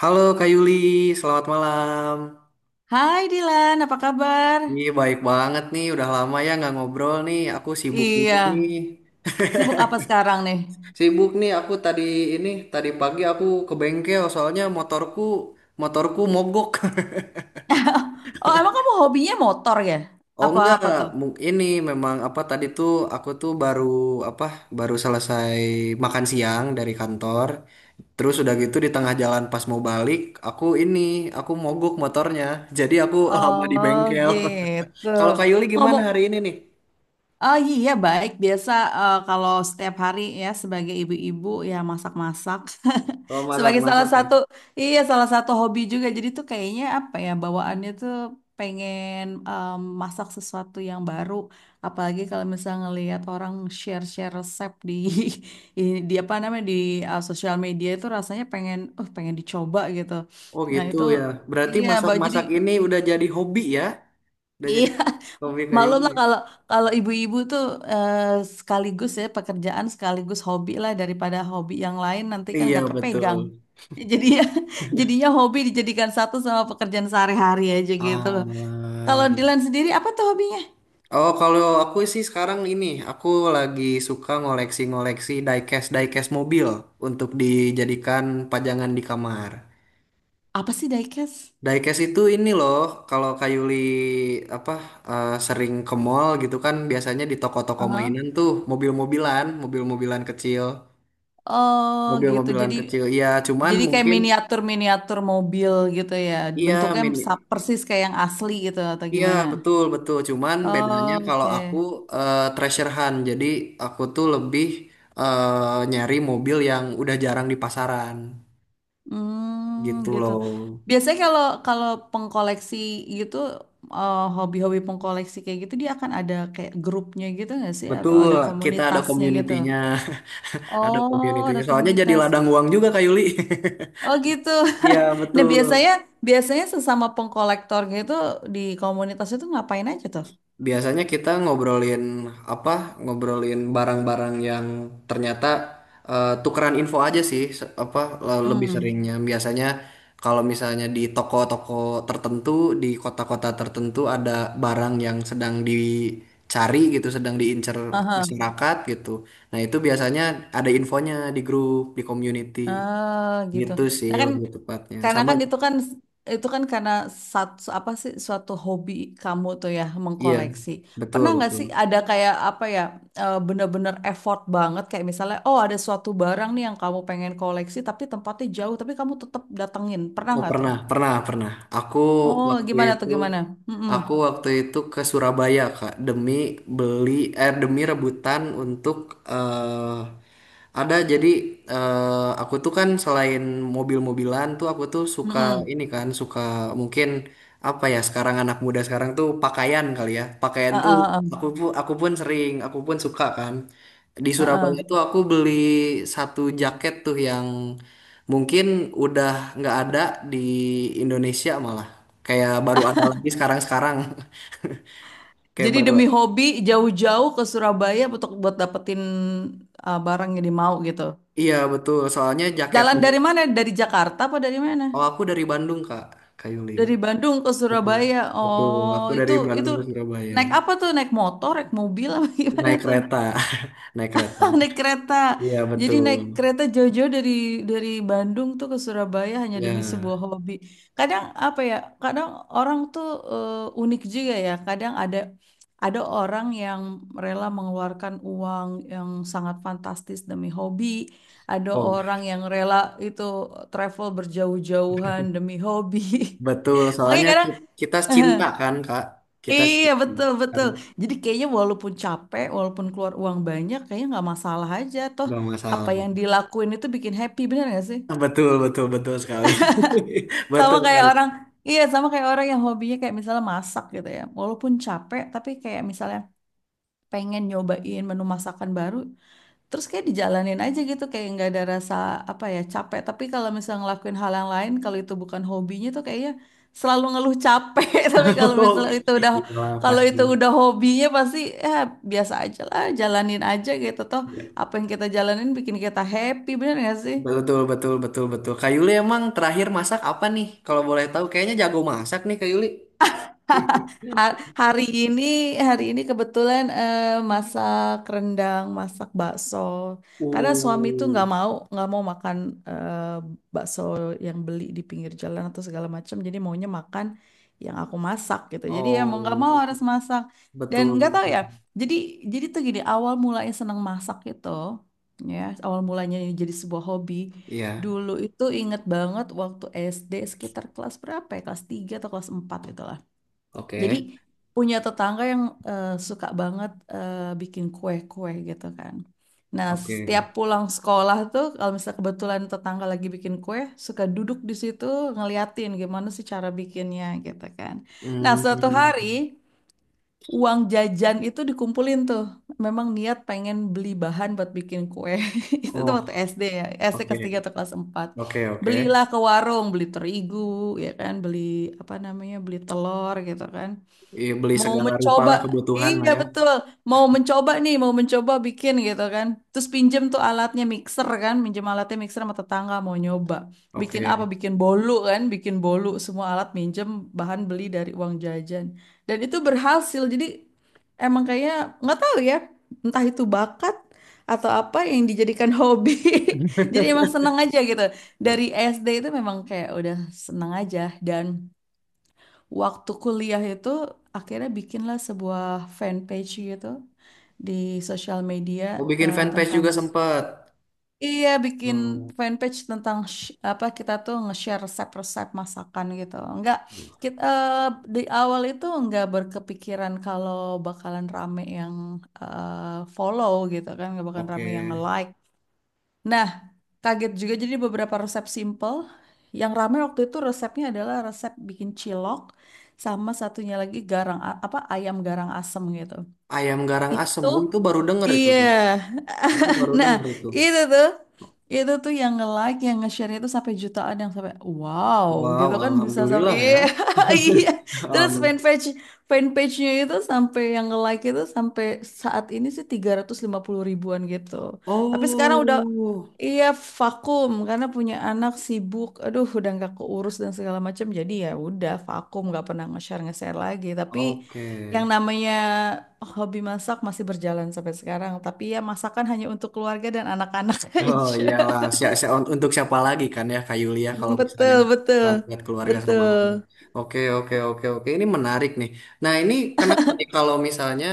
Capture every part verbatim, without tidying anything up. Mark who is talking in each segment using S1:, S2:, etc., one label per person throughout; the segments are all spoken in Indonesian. S1: Halo Kak Yuli, selamat malam.
S2: Hai Dilan, apa kabar?
S1: Ih, baik banget nih, udah lama ya nggak ngobrol nih. Aku sibuk juga
S2: Iya,
S1: nih.
S2: sibuk apa sekarang nih?
S1: Sibuk nih aku tadi ini, tadi pagi aku ke bengkel soalnya motorku motorku mogok.
S2: Oh, emang kamu hobinya motor ya?
S1: Oh enggak,
S2: Apa-apa tuh?
S1: mu- ini memang apa tadi tuh aku tuh baru apa baru selesai makan siang dari kantor. Terus udah gitu di tengah jalan pas mau balik, aku ini aku mogok motornya. Jadi aku lama di
S2: Oh,
S1: bengkel.
S2: gitu.
S1: Kalau Kak Yuli gimana
S2: Ngomong,
S1: hari ini nih?
S2: oh iya baik biasa eh, kalau setiap hari ya sebagai ibu-ibu ya masak-masak
S1: Oh,
S2: sebagai salah
S1: masak-masak ya.
S2: satu iya salah satu hobi juga jadi tuh kayaknya apa ya bawaannya tuh pengen em, masak sesuatu yang baru apalagi kalau misalnya ngelihat orang share-share resep di i- di apa namanya di eh, sosial media itu rasanya pengen uh pengen dicoba gitu
S1: Oh,
S2: nah
S1: gitu
S2: itu
S1: ya. Berarti
S2: iya bawa jadi
S1: masak-masak ini
S2: mm,
S1: udah jadi hobi ya? Udah
S2: iya,
S1: jadi hobi
S2: maklum lah
S1: kayunya.
S2: kalau kalau ibu-ibu tuh eh, sekaligus ya pekerjaan sekaligus hobi lah daripada hobi yang lain nanti kan
S1: Iya,
S2: gak kepegang.
S1: betul.
S2: Jadi ya jadinya hobi dijadikan satu sama pekerjaan sehari-hari aja gitu. Kalau
S1: Ah.
S2: Dilan sendiri apa tuh hobinya?
S1: Oh, kalau aku sih sekarang ini, aku lagi suka ngoleksi-ngoleksi diecast diecast mobil untuk dijadikan pajangan di kamar.
S2: Apa sih diecast?
S1: Diecast itu ini loh, kalau Kayuli apa eh, sering ke mall gitu kan, biasanya di toko-toko
S2: Heeh.
S1: mainan tuh mobil-mobilan, mobil-mobilan kecil.
S2: Oh gitu.
S1: Mobil-mobilan
S2: Jadi
S1: kecil. Iya, cuman
S2: jadi kayak
S1: mungkin
S2: miniatur miniatur mobil gitu ya.
S1: iya
S2: Bentuknya
S1: mini.
S2: sa- persis kayak yang asli gitu atau
S1: Iya,
S2: gimana?
S1: betul betul. Cuman bedanya
S2: Oh,
S1: kalau aku
S2: oke.
S1: eh, treasure hunt. Jadi aku tuh lebih eh, nyari mobil yang udah jarang di pasaran
S2: Hmm,
S1: gitu
S2: gitu.
S1: loh.
S2: Biasanya kalau kalau pengkoleksi gitu eh, hobi-hobi pengkoleksi kayak gitu dia akan ada kayak grupnya gitu nggak sih atau
S1: Betul,
S2: ada
S1: kita ada
S2: komunitasnya gitu?
S1: community-nya, ada
S2: Oh,
S1: community-nya.
S2: ada
S1: Soalnya jadi
S2: komunitas.
S1: ladang uang juga Kak Yuli.
S2: Oh gitu.
S1: Iya,
S2: Nah
S1: betul.
S2: biasanya biasanya sesama pengkolektor gitu di komunitas itu ngapain aja tuh?
S1: Biasanya kita ngobrolin apa? Ngobrolin barang-barang yang ternyata eh, tukeran info aja sih, se- apa le- lebih
S2: Hmm.
S1: seringnya. Biasanya kalau misalnya di toko-toko tertentu, di kota-kota tertentu ada barang yang sedang dicari gitu, sedang diincar
S2: Aha.
S1: masyarakat gitu. Nah, itu biasanya ada infonya di grup, di community
S2: Ah, gitu.
S1: gitu sih
S2: Nah kan,
S1: lebih tepatnya.
S2: karena
S1: Sama
S2: kan itu kan itu kan karena satu apa sih suatu hobi kamu tuh ya
S1: iya,
S2: mengkoleksi.
S1: betul
S2: Pernah nggak
S1: betul.
S2: sih ada kayak apa ya eh, bener-bener effort banget kayak misalnya oh ada suatu barang nih yang kamu pengen koleksi tapi tempatnya jauh tapi kamu tetap datengin. Pernah
S1: Oh
S2: nggak tuh?
S1: pernah, pernah, pernah. Aku
S2: Oh
S1: waktu
S2: gimana tuh
S1: itu,
S2: gimana? Mm-mm.
S1: aku waktu itu ke Surabaya Kak demi beli, eh demi rebutan untuk eh ada jadi eh aku tuh kan selain mobil-mobilan tuh aku tuh suka
S2: Mm-mm.
S1: ini kan, suka mungkin apa ya sekarang anak muda sekarang tuh pakaian kali ya. Pakaian tuh
S2: Heeh, heeh.
S1: aku pun aku pun sering, aku pun suka kan. Di Surabaya
S2: Heeh.
S1: tuh aku beli satu jaket tuh yang mungkin udah nggak ada di Indonesia malah. Kayak baru ada lagi sekarang-sekarang. Kayak
S2: Jadi
S1: baru.
S2: demi hobi jauh-jauh ke Surabaya untuk buat dapetin eh, barang yang dimau gitu.
S1: Iya betul. Soalnya
S2: Jalan
S1: jaketnya.
S2: dari mana? Dari Jakarta apa dari mana?
S1: Oh aku dari Bandung Kak, Kak Yuli.
S2: Dari Bandung ke
S1: Betul.
S2: Surabaya.
S1: Betul.
S2: Oh,
S1: Aku
S2: itu
S1: dari
S2: itu
S1: Bandung ke Surabaya.
S2: naik apa tuh? Naik motor, naik mobil apa gimana
S1: Naik
S2: tuh?
S1: kereta. Naik kereta.
S2: Naik kereta.
S1: Iya
S2: Jadi
S1: betul.
S2: naik kereta jauh-jauh dari dari Bandung tuh ke Surabaya hanya demi sebuah
S1: Iya.
S2: hobi. Kadang apa ya? Kadang orang tuh eh, unik juga ya. Kadang ada ada orang yang rela mengeluarkan uang yang sangat fantastis demi hobi. Ada
S1: Oh
S2: orang yang rela itu travel berjauh-jauhan demi hobi.
S1: betul.
S2: Makanya
S1: Soalnya
S2: kadang
S1: ki- kita cinta kan Kak. Kita
S2: iya
S1: cinta
S2: betul
S1: kan.
S2: betul. Jadi kayaknya walaupun capek, walaupun keluar uang banyak, kayaknya nggak masalah aja. Toh
S1: Gak
S2: apa yang
S1: masalah.
S2: dilakuin itu bikin happy, bener nggak sih?
S1: Betul, betul, betul sekali.
S2: Sama
S1: Betul
S2: kayak
S1: sekali.
S2: orang, iya sama kayak orang yang hobinya kayak misalnya masak gitu ya. Walaupun capek, tapi kayak misalnya pengen nyobain menu masakan baru terus kayak dijalanin aja gitu kayak nggak ada rasa apa ya capek tapi kalau misalnya ngelakuin hal yang lain kalau itu bukan hobinya tuh kayaknya selalu ngeluh capek tapi kalau misalnya itu udah
S1: Iyalah
S2: kalau
S1: pasti.
S2: itu udah hobinya pasti ya biasa aja lah jalanin aja gitu toh
S1: Iya.
S2: apa yang kita jalanin bikin kita happy bener nggak sih.
S1: Betul betul betul betul. Kak Yuli emang terakhir masak apa nih? Kalau boleh tahu kayaknya jago masak nih Kak Yuli.
S2: Ha- Hari ini, hari ini kebetulan eh, masak rendang, masak bakso. Karena suami tuh
S1: Uh,
S2: nggak mau, nggak mau makan eh, bakso yang beli di pinggir jalan atau segala macam. Jadi maunya makan yang aku masak gitu. Jadi ya mau nggak
S1: oh,
S2: mau harus masak. Dan
S1: betul
S2: nggak tahu
S1: betul.
S2: ya. Jadi, jadi tuh gini, awal mulanya senang masak itu, ya, awal mulanya ini jadi sebuah hobi.
S1: Iya,
S2: Dulu itu inget banget waktu S D sekitar kelas berapa ya? Kelas tiga atau kelas empat gitu jadi
S1: oke,
S2: punya tetangga yang eh, suka banget eh, bikin kue-kue gitu kan. Nah, setiap
S1: oke.
S2: pulang sekolah tuh kalau misalnya kebetulan tetangga lagi bikin kue, suka duduk di situ ngeliatin gimana sih cara bikinnya gitu kan. Nah, suatu
S1: Hmm,
S2: hari uang jajan itu dikumpulin tuh. Memang niat pengen beli bahan buat bikin kue. Itu tuh waktu
S1: oh,
S2: S D ya, S D
S1: oke,
S2: kelas tiga atau kelas empat.
S1: oke, oke.
S2: Belilah ke warung, beli terigu, ya kan, beli apa namanya, beli telur gitu kan
S1: Iya, beli
S2: mau
S1: segala rupa
S2: mencoba
S1: lah kebutuhan lah
S2: iya
S1: ya.
S2: betul mau mencoba nih mau mencoba bikin gitu kan terus pinjem tuh alatnya mixer kan pinjem alatnya mixer sama tetangga mau nyoba bikin apa
S1: Oke.
S2: bikin bolu kan bikin bolu semua alat minjem bahan beli dari uang jajan dan itu berhasil jadi emang kayaknya nggak tahu ya entah itu bakat atau apa yang dijadikan hobi jadi emang seneng aja gitu
S1: Bet-
S2: dari S D itu memang kayak udah seneng aja dan waktu kuliah itu akhirnya bikinlah sebuah fanpage gitu di sosial media
S1: Oh, bikin
S2: eh,
S1: fanpage
S2: tentang
S1: juga sempet.
S2: iya bikin
S1: Hmm,
S2: fanpage tentang sh- apa kita tuh nge-share resep-resep masakan gitu. Enggak kita eh, di awal itu enggak berkepikiran kalau bakalan rame yang eh, follow gitu kan, enggak bakalan
S1: oke.
S2: rame yang nge-like. Nah, kaget juga jadi beberapa resep simple. Yang rame waktu itu resepnya adalah resep bikin cilok sama satunya lagi garang a- apa ayam garang asem gitu.
S1: Ayam garang asem,
S2: Itu
S1: oh, itu baru denger itu
S2: iya.
S1: tuh. Itu baru
S2: Nah,
S1: dengar itu.
S2: itu tuh itu tuh yang nge-like, yang nge-share itu sampai jutaan yang sampai wow
S1: Wow,
S2: gitu kan bisa sampai
S1: alhamdulillah ya.
S2: iya iya. Terus
S1: Um,
S2: fanpage fanpage-nya itu sampai yang nge-like itu sampai saat ini sih tiga ratus lima puluh ribuan gitu. Tapi sekarang udah,
S1: oh,
S2: iya, vakum karena punya anak sibuk, aduh udah nggak keurus dan segala macam. Jadi ya udah vakum nggak pernah nge-share nge-share lagi. Tapi
S1: oke.
S2: yang namanya hobi masak masih berjalan sampai sekarang. Tapi ya masakan hanya untuk keluarga dan anak-anak
S1: Oh
S2: aja.
S1: iyalah, si- si- un- untuk siapa lagi kan ya Kak Yulia kalau misalnya
S2: Betul betul
S1: bukan buat keluarga sama
S2: betul.
S1: anak. Oke, oke, oke, oke. Ini menarik nih. Nah, ini kenapa nih kalau misalnya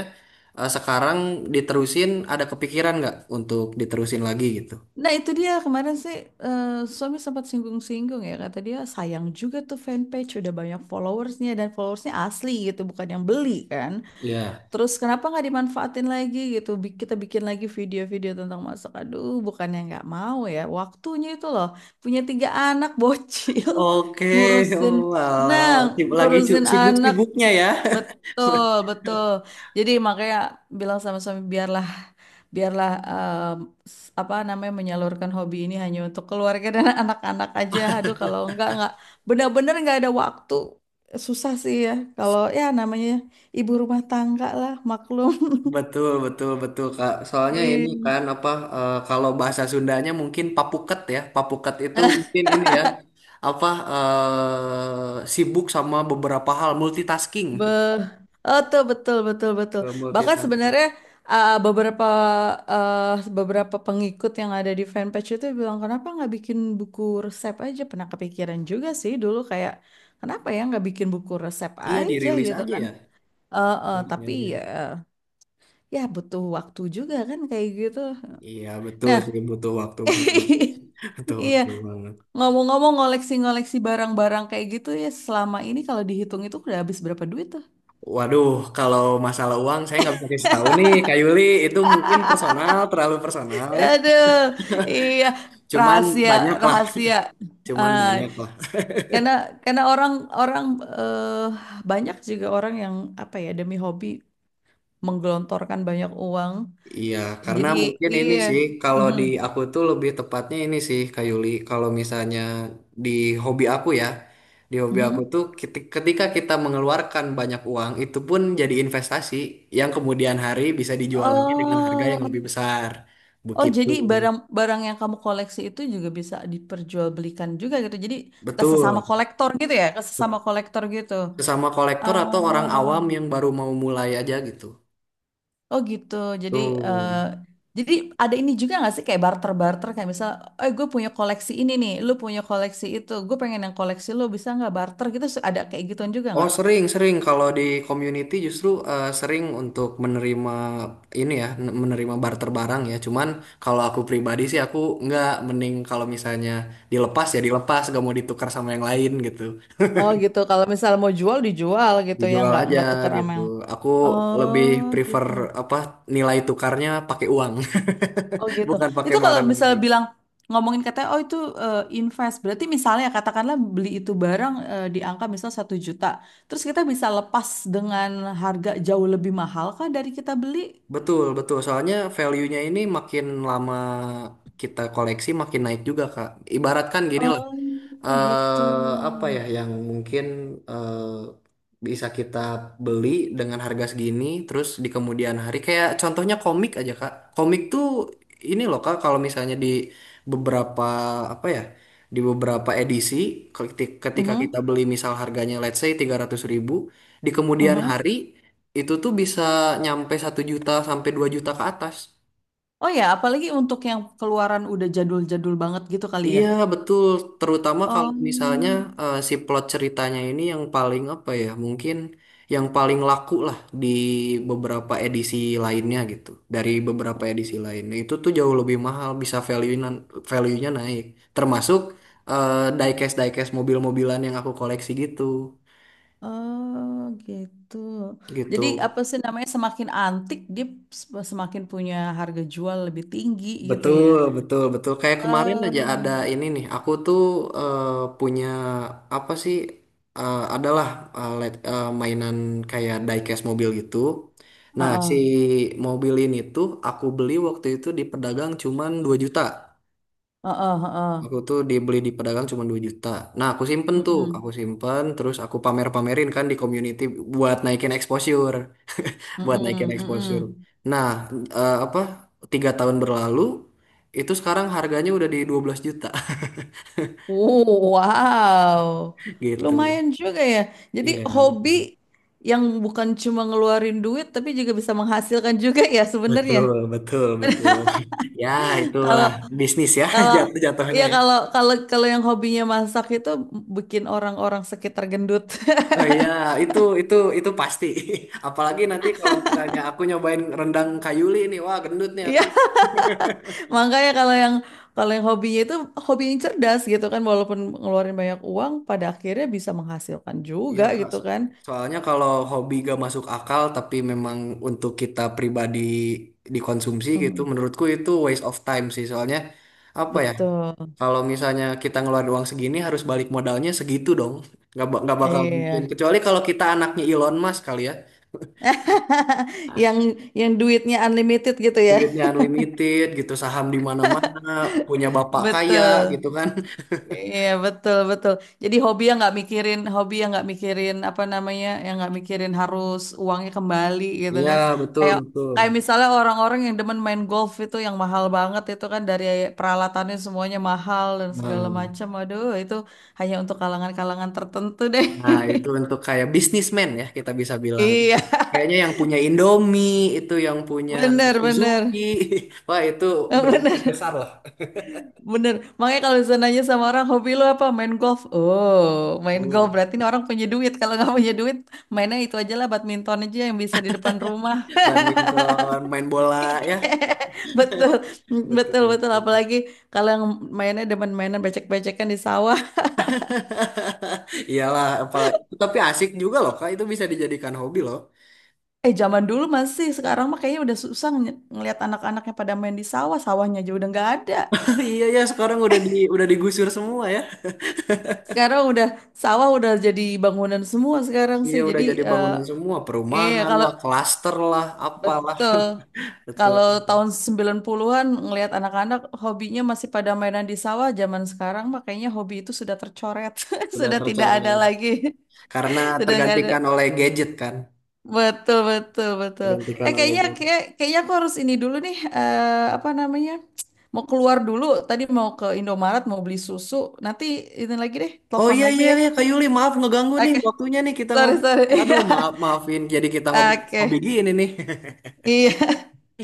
S1: eh, sekarang diterusin ada kepikiran nggak untuk diterusin lagi gitu?
S2: Nah itu dia kemarin sih eh, suami sempat singgung-singgung ya kata dia sayang juga tuh fanpage udah banyak followersnya dan followersnya asli gitu bukan yang beli kan.
S1: Iya.
S2: Terus kenapa nggak dimanfaatin lagi gitu? Bi- Kita bikin lagi video-video tentang masak. Aduh, bukannya nggak mau ya. Waktunya itu loh. Punya tiga anak bocil.
S1: Oke,
S2: Ngurusin.
S1: oh,
S2: Nah,
S1: alah. Sib- lagi cu-
S2: ngurusin anak
S1: sibuk-sibuknya ya.
S2: betul, betul. Jadi makanya bilang sama suami biarlah biarlah em, s- apa namanya menyalurkan hobi ini hanya untuk keluarga dan anak-anak aja. Aduh, kalau enggak enggak benar-benar enggak ada waktu. Susah sih ya kalau ya namanya ibu rumah tangga lah, maklum.
S1: Betul, betul, betul, Kak. Soalnya ini
S2: Iya.
S1: kan apa eh, kalau bahasa Sundanya mungkin papuket ya. Papuket itu mungkin ini ya apa eh, sibuk sama beberapa hal multitasking.
S2: Be oh tuh betul betul betul.
S1: Eh,
S2: Bahkan
S1: Multitasking.
S2: sebenarnya uh, beberapa uh, beberapa pengikut yang ada di fanpage itu bilang kenapa nggak bikin buku resep aja? Pernah kepikiran juga sih dulu kayak kenapa ya nggak bikin buku resep
S1: Iya,
S2: aja
S1: dirilis
S2: gitu
S1: aja
S2: kan?
S1: ya.
S2: Eh, eh,
S1: Iya,
S2: tapi
S1: iya.
S2: ya ya butuh waktu juga kan kayak gitu.
S1: Iya, betul
S2: Nah,
S1: sih butuh waktu banget. Butuh
S2: iya
S1: waktu banget.
S2: ngomong-ngomong ngoleksi-ngoleksi barang-barang kayak gitu ya selama ini kalau dihitung itu udah habis berapa duit tuh?
S1: Waduh, kalau masalah uang saya nggak bisa kasih tahu nih, Kak Yuli. Itu mungkin personal, terlalu personal ya.
S2: Aduh, iya
S1: Cuman
S2: rahasia
S1: banyak lah.
S2: rahasia.
S1: Cuman
S2: Ah,
S1: banyak lah.
S2: karena karena orang orang eh, banyak juga orang yang apa ya demi hobi menggelontorkan banyak uang.
S1: Iya, karena
S2: Jadi
S1: mungkin ini
S2: iya.
S1: sih kalau
S2: Mhm,
S1: di aku tuh lebih tepatnya ini sih Kak Yuli, kalau misalnya di hobi aku ya, di hobi aku
S2: mhm.
S1: tuh keti- ketika kita mengeluarkan banyak uang itu pun jadi investasi yang kemudian hari bisa dijual lagi dengan harga yang lebih
S2: Oh,
S1: besar.
S2: oh
S1: Begitu.
S2: jadi barang-barang yang kamu koleksi itu juga bisa diperjualbelikan juga gitu. Jadi ke sesama
S1: Betul.
S2: kolektor gitu ya, ke sesama kolektor gitu.
S1: Sesama kolektor atau orang awam
S2: Oh.
S1: yang baru mau mulai aja gitu.
S2: Oh gitu. Jadi
S1: Tuh.
S2: eh, jadi ada ini juga nggak sih kayak barter-barter kayak misal, eh gue punya koleksi ini nih, lu punya koleksi itu, gue pengen yang koleksi lu bisa nggak barter gitu? Su- Ada kayak gituan juga
S1: Oh
S2: nggak?
S1: sering sering kalau di community justru eh, sering untuk menerima ini ya n- menerima barter barang ya cuman kalau aku pribadi sih aku nggak mending kalau misalnya dilepas ya dilepas gak mau ditukar sama yang lain gitu
S2: Oh gitu, kalau misal mau jual dijual gitu ya
S1: dijual
S2: nggak
S1: aja
S2: nggak tuker sama
S1: gitu
S2: yang
S1: aku lebih
S2: oh
S1: prefer
S2: gitu.
S1: apa nilai tukarnya pakai uang
S2: Oh gitu.
S1: bukan pakai
S2: Itu kalau
S1: barang.
S2: misal bilang ngomongin katanya, oh itu eh, invest, berarti misalnya katakanlah beli itu barang eh, di angka misal satu juta, terus kita bisa lepas dengan harga jauh lebih mahal kah dari kita beli?
S1: Betul, betul. Soalnya value-nya ini makin lama kita koleksi makin naik juga, Kak. Ibaratkan gini lah.
S2: Oh gitu.
S1: eh apa ya, yang mungkin eh, bisa kita beli dengan harga segini terus di kemudian hari kayak contohnya komik aja Kak. Komik tuh ini loh Kak kalau misalnya di beberapa apa ya di beberapa edisi keti- ketika
S2: Mhm,
S1: kita beli misal harganya let's say tiga ratus ribu di kemudian
S2: mhm.
S1: hari itu tuh bisa nyampe satu juta sampai dua juta ke atas.
S2: Oh ya, apalagi untuk yang keluaran udah jadul-jadul banget gitu kali ya.
S1: Iya, betul. Terutama kalau
S2: Oh,
S1: misalnya eh, si plot ceritanya ini yang paling apa ya, mungkin yang paling laku lah di beberapa edisi lainnya gitu. Dari beberapa edisi lainnya itu tuh jauh lebih mahal, bisa value-nya value-nya naik. Termasuk eh, diecast diecast mobil-mobilan yang aku koleksi gitu.
S2: oh gitu.
S1: Gitu.
S2: Jadi apa sih namanya semakin antik dia s- semakin punya harga jual lebih tinggi gitu ya.
S1: Betul, betul, betul. Kayak kemarin
S2: Ah.
S1: aja ada ini nih. Aku tuh eh, punya apa sih? Eh, adalah eh, let- eh, Mainan kayak diecast mobil gitu. Nah, si
S2: Heeh,
S1: mobil ini tuh aku beli waktu itu di pedagang cuman dua juta.
S2: heeh, heeh.
S1: Aku tuh dibeli di pedagang cuma dua juta. Nah, aku simpen tuh, aku
S2: Mm-mm,
S1: simpen terus aku pamer-pamerin kan di community buat naikin exposure buat naikin
S2: mm-mm, mm-mm.
S1: exposure. Nah, eh, apa tiga tahun berlalu itu sekarang harganya udah di dua belas juta
S2: Oh, wow.
S1: gitu.
S2: Lumayan juga ya. Jadi
S1: Iya,
S2: hobi
S1: betul.
S2: yang bukan cuma ngeluarin duit tapi juga bisa menghasilkan juga ya sebenarnya.
S1: Betul, betul, betul. Ya,
S2: Kalau
S1: itulah bisnis ya
S2: kalau
S1: jatuh jatuhnya
S2: ya
S1: ya.
S2: kalau kalau kalau yang hobinya masak itu bikin orang-orang sekitar gendut.
S1: Oh iya, itu itu itu pasti. Apalagi nanti kalau misalnya aku nyobain rendang kayuli nih, wah gendut nih aku.
S2: Iya, makanya kalau yang kalau yang hobinya itu hobi yang cerdas gitu kan walaupun ngeluarin banyak uang pada akhirnya bisa menghasilkan
S1: Iya
S2: juga
S1: Kak,
S2: gitu
S1: So-
S2: kan.
S1: soalnya kalau hobi gak masuk akal tapi memang untuk kita pribadi dikonsumsi gitu,
S2: Mhm,
S1: menurutku itu waste of time sih. Soalnya apa ya,
S2: betul.
S1: kalau misalnya kita ngeluarin uang segini harus balik modalnya segitu dong. Gak, ba- nggak bakal mungkin.
S2: Iya.
S1: Kecuali kalau kita anaknya Elon Musk kali ya.
S2: Yang yang duitnya unlimited gitu ya.
S1: Duitnya unlimited gitu, saham di mana-mana, punya bapak kaya
S2: Betul.
S1: gitu kan.
S2: Iya, betul, betul. Jadi hobi yang nggak mikirin, hobi yang nggak mikirin apa namanya, yang nggak mikirin harus uangnya kembali gitu
S1: Iya,
S2: kan.
S1: betul,
S2: Kayak
S1: betul.
S2: kayak misalnya orang-orang yang demen main golf itu yang mahal banget itu kan dari peralatannya semuanya mahal dan segala
S1: Nah.
S2: macam. Aduh, itu hanya untuk kalangan-kalangan tertentu deh.
S1: Nah, itu untuk kayak bisnismen ya kita bisa bilang.
S2: Iya,
S1: Kayaknya yang punya Indomie, itu yang punya
S2: bener,
S1: Suzuki.
S2: bener.
S1: Wah, itu brand
S2: Bener.
S1: besar lah.
S2: Bener, makanya kalau bisa nanya sama orang hobi lu apa main golf. Oh, main
S1: Uh,
S2: golf berarti ini orang punya duit. Kalau nggak punya duit, mainnya itu aja lah badminton aja yang bisa di depan rumah.
S1: Badminton, main bola ya.
S2: Betul, betul,
S1: Betul.
S2: betul. Apalagi kalau yang mainnya demen mainan becek-becekan di sawah.
S1: Iyalah, apalagi tapi asik juga loh, Kak. Itu bisa dijadikan hobi loh.
S2: Eh, zaman dulu masih, sekarang mah kayaknya udah susah ng- ngelihat anak-anaknya pada main di sawah. Sawahnya aja udah nggak ada.
S1: Iya ya, sekarang udah di udah digusur semua ya.
S2: Sekarang udah sawah udah jadi bangunan semua sekarang
S1: Iya,
S2: sih.
S1: udah
S2: Jadi
S1: jadi
S2: eh
S1: bangunan semua,
S2: iya,
S1: perumahan
S2: kalau
S1: lah, klaster lah, apalah.
S2: betul.
S1: Betul.
S2: Kalau tahun sembilan puluh-an ngelihat anak-anak hobinya masih pada mainan di sawah, zaman sekarang makanya hobi itu sudah tercoret,
S1: Sudah
S2: sudah tidak ada
S1: tercoret
S2: lagi.
S1: karena
S2: Sudah nggak ada.
S1: tergantikan oleh gadget kan.
S2: Betul, betul, betul.
S1: Digantikan
S2: Eh
S1: oleh
S2: kayaknya
S1: game.
S2: kayak, kayaknya aku harus ini dulu nih eh, apa namanya? Mau keluar dulu, tadi mau ke Indomaret mau beli susu. Nanti ini lagi deh,
S1: Oh,
S2: telepon
S1: iya,
S2: lagi
S1: iya,
S2: ya.
S1: iya, Kak Yuli, maaf ngeganggu nih
S2: Oke.
S1: waktunya nih kita
S2: Sorry,
S1: ngobrol
S2: sorry.
S1: nih. Aduh maaf
S2: Iya.
S1: maafin jadi kita ngobrol hobi
S2: Oke.
S1: gini nih.
S2: Iya.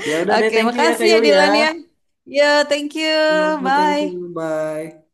S1: Ya udah deh
S2: Oke,
S1: thank you ya
S2: makasih
S1: Kak
S2: ya
S1: Yuli ya.
S2: Dilan ya. Ya, thank you.
S1: Yo, thank you
S2: Bye.
S1: bye.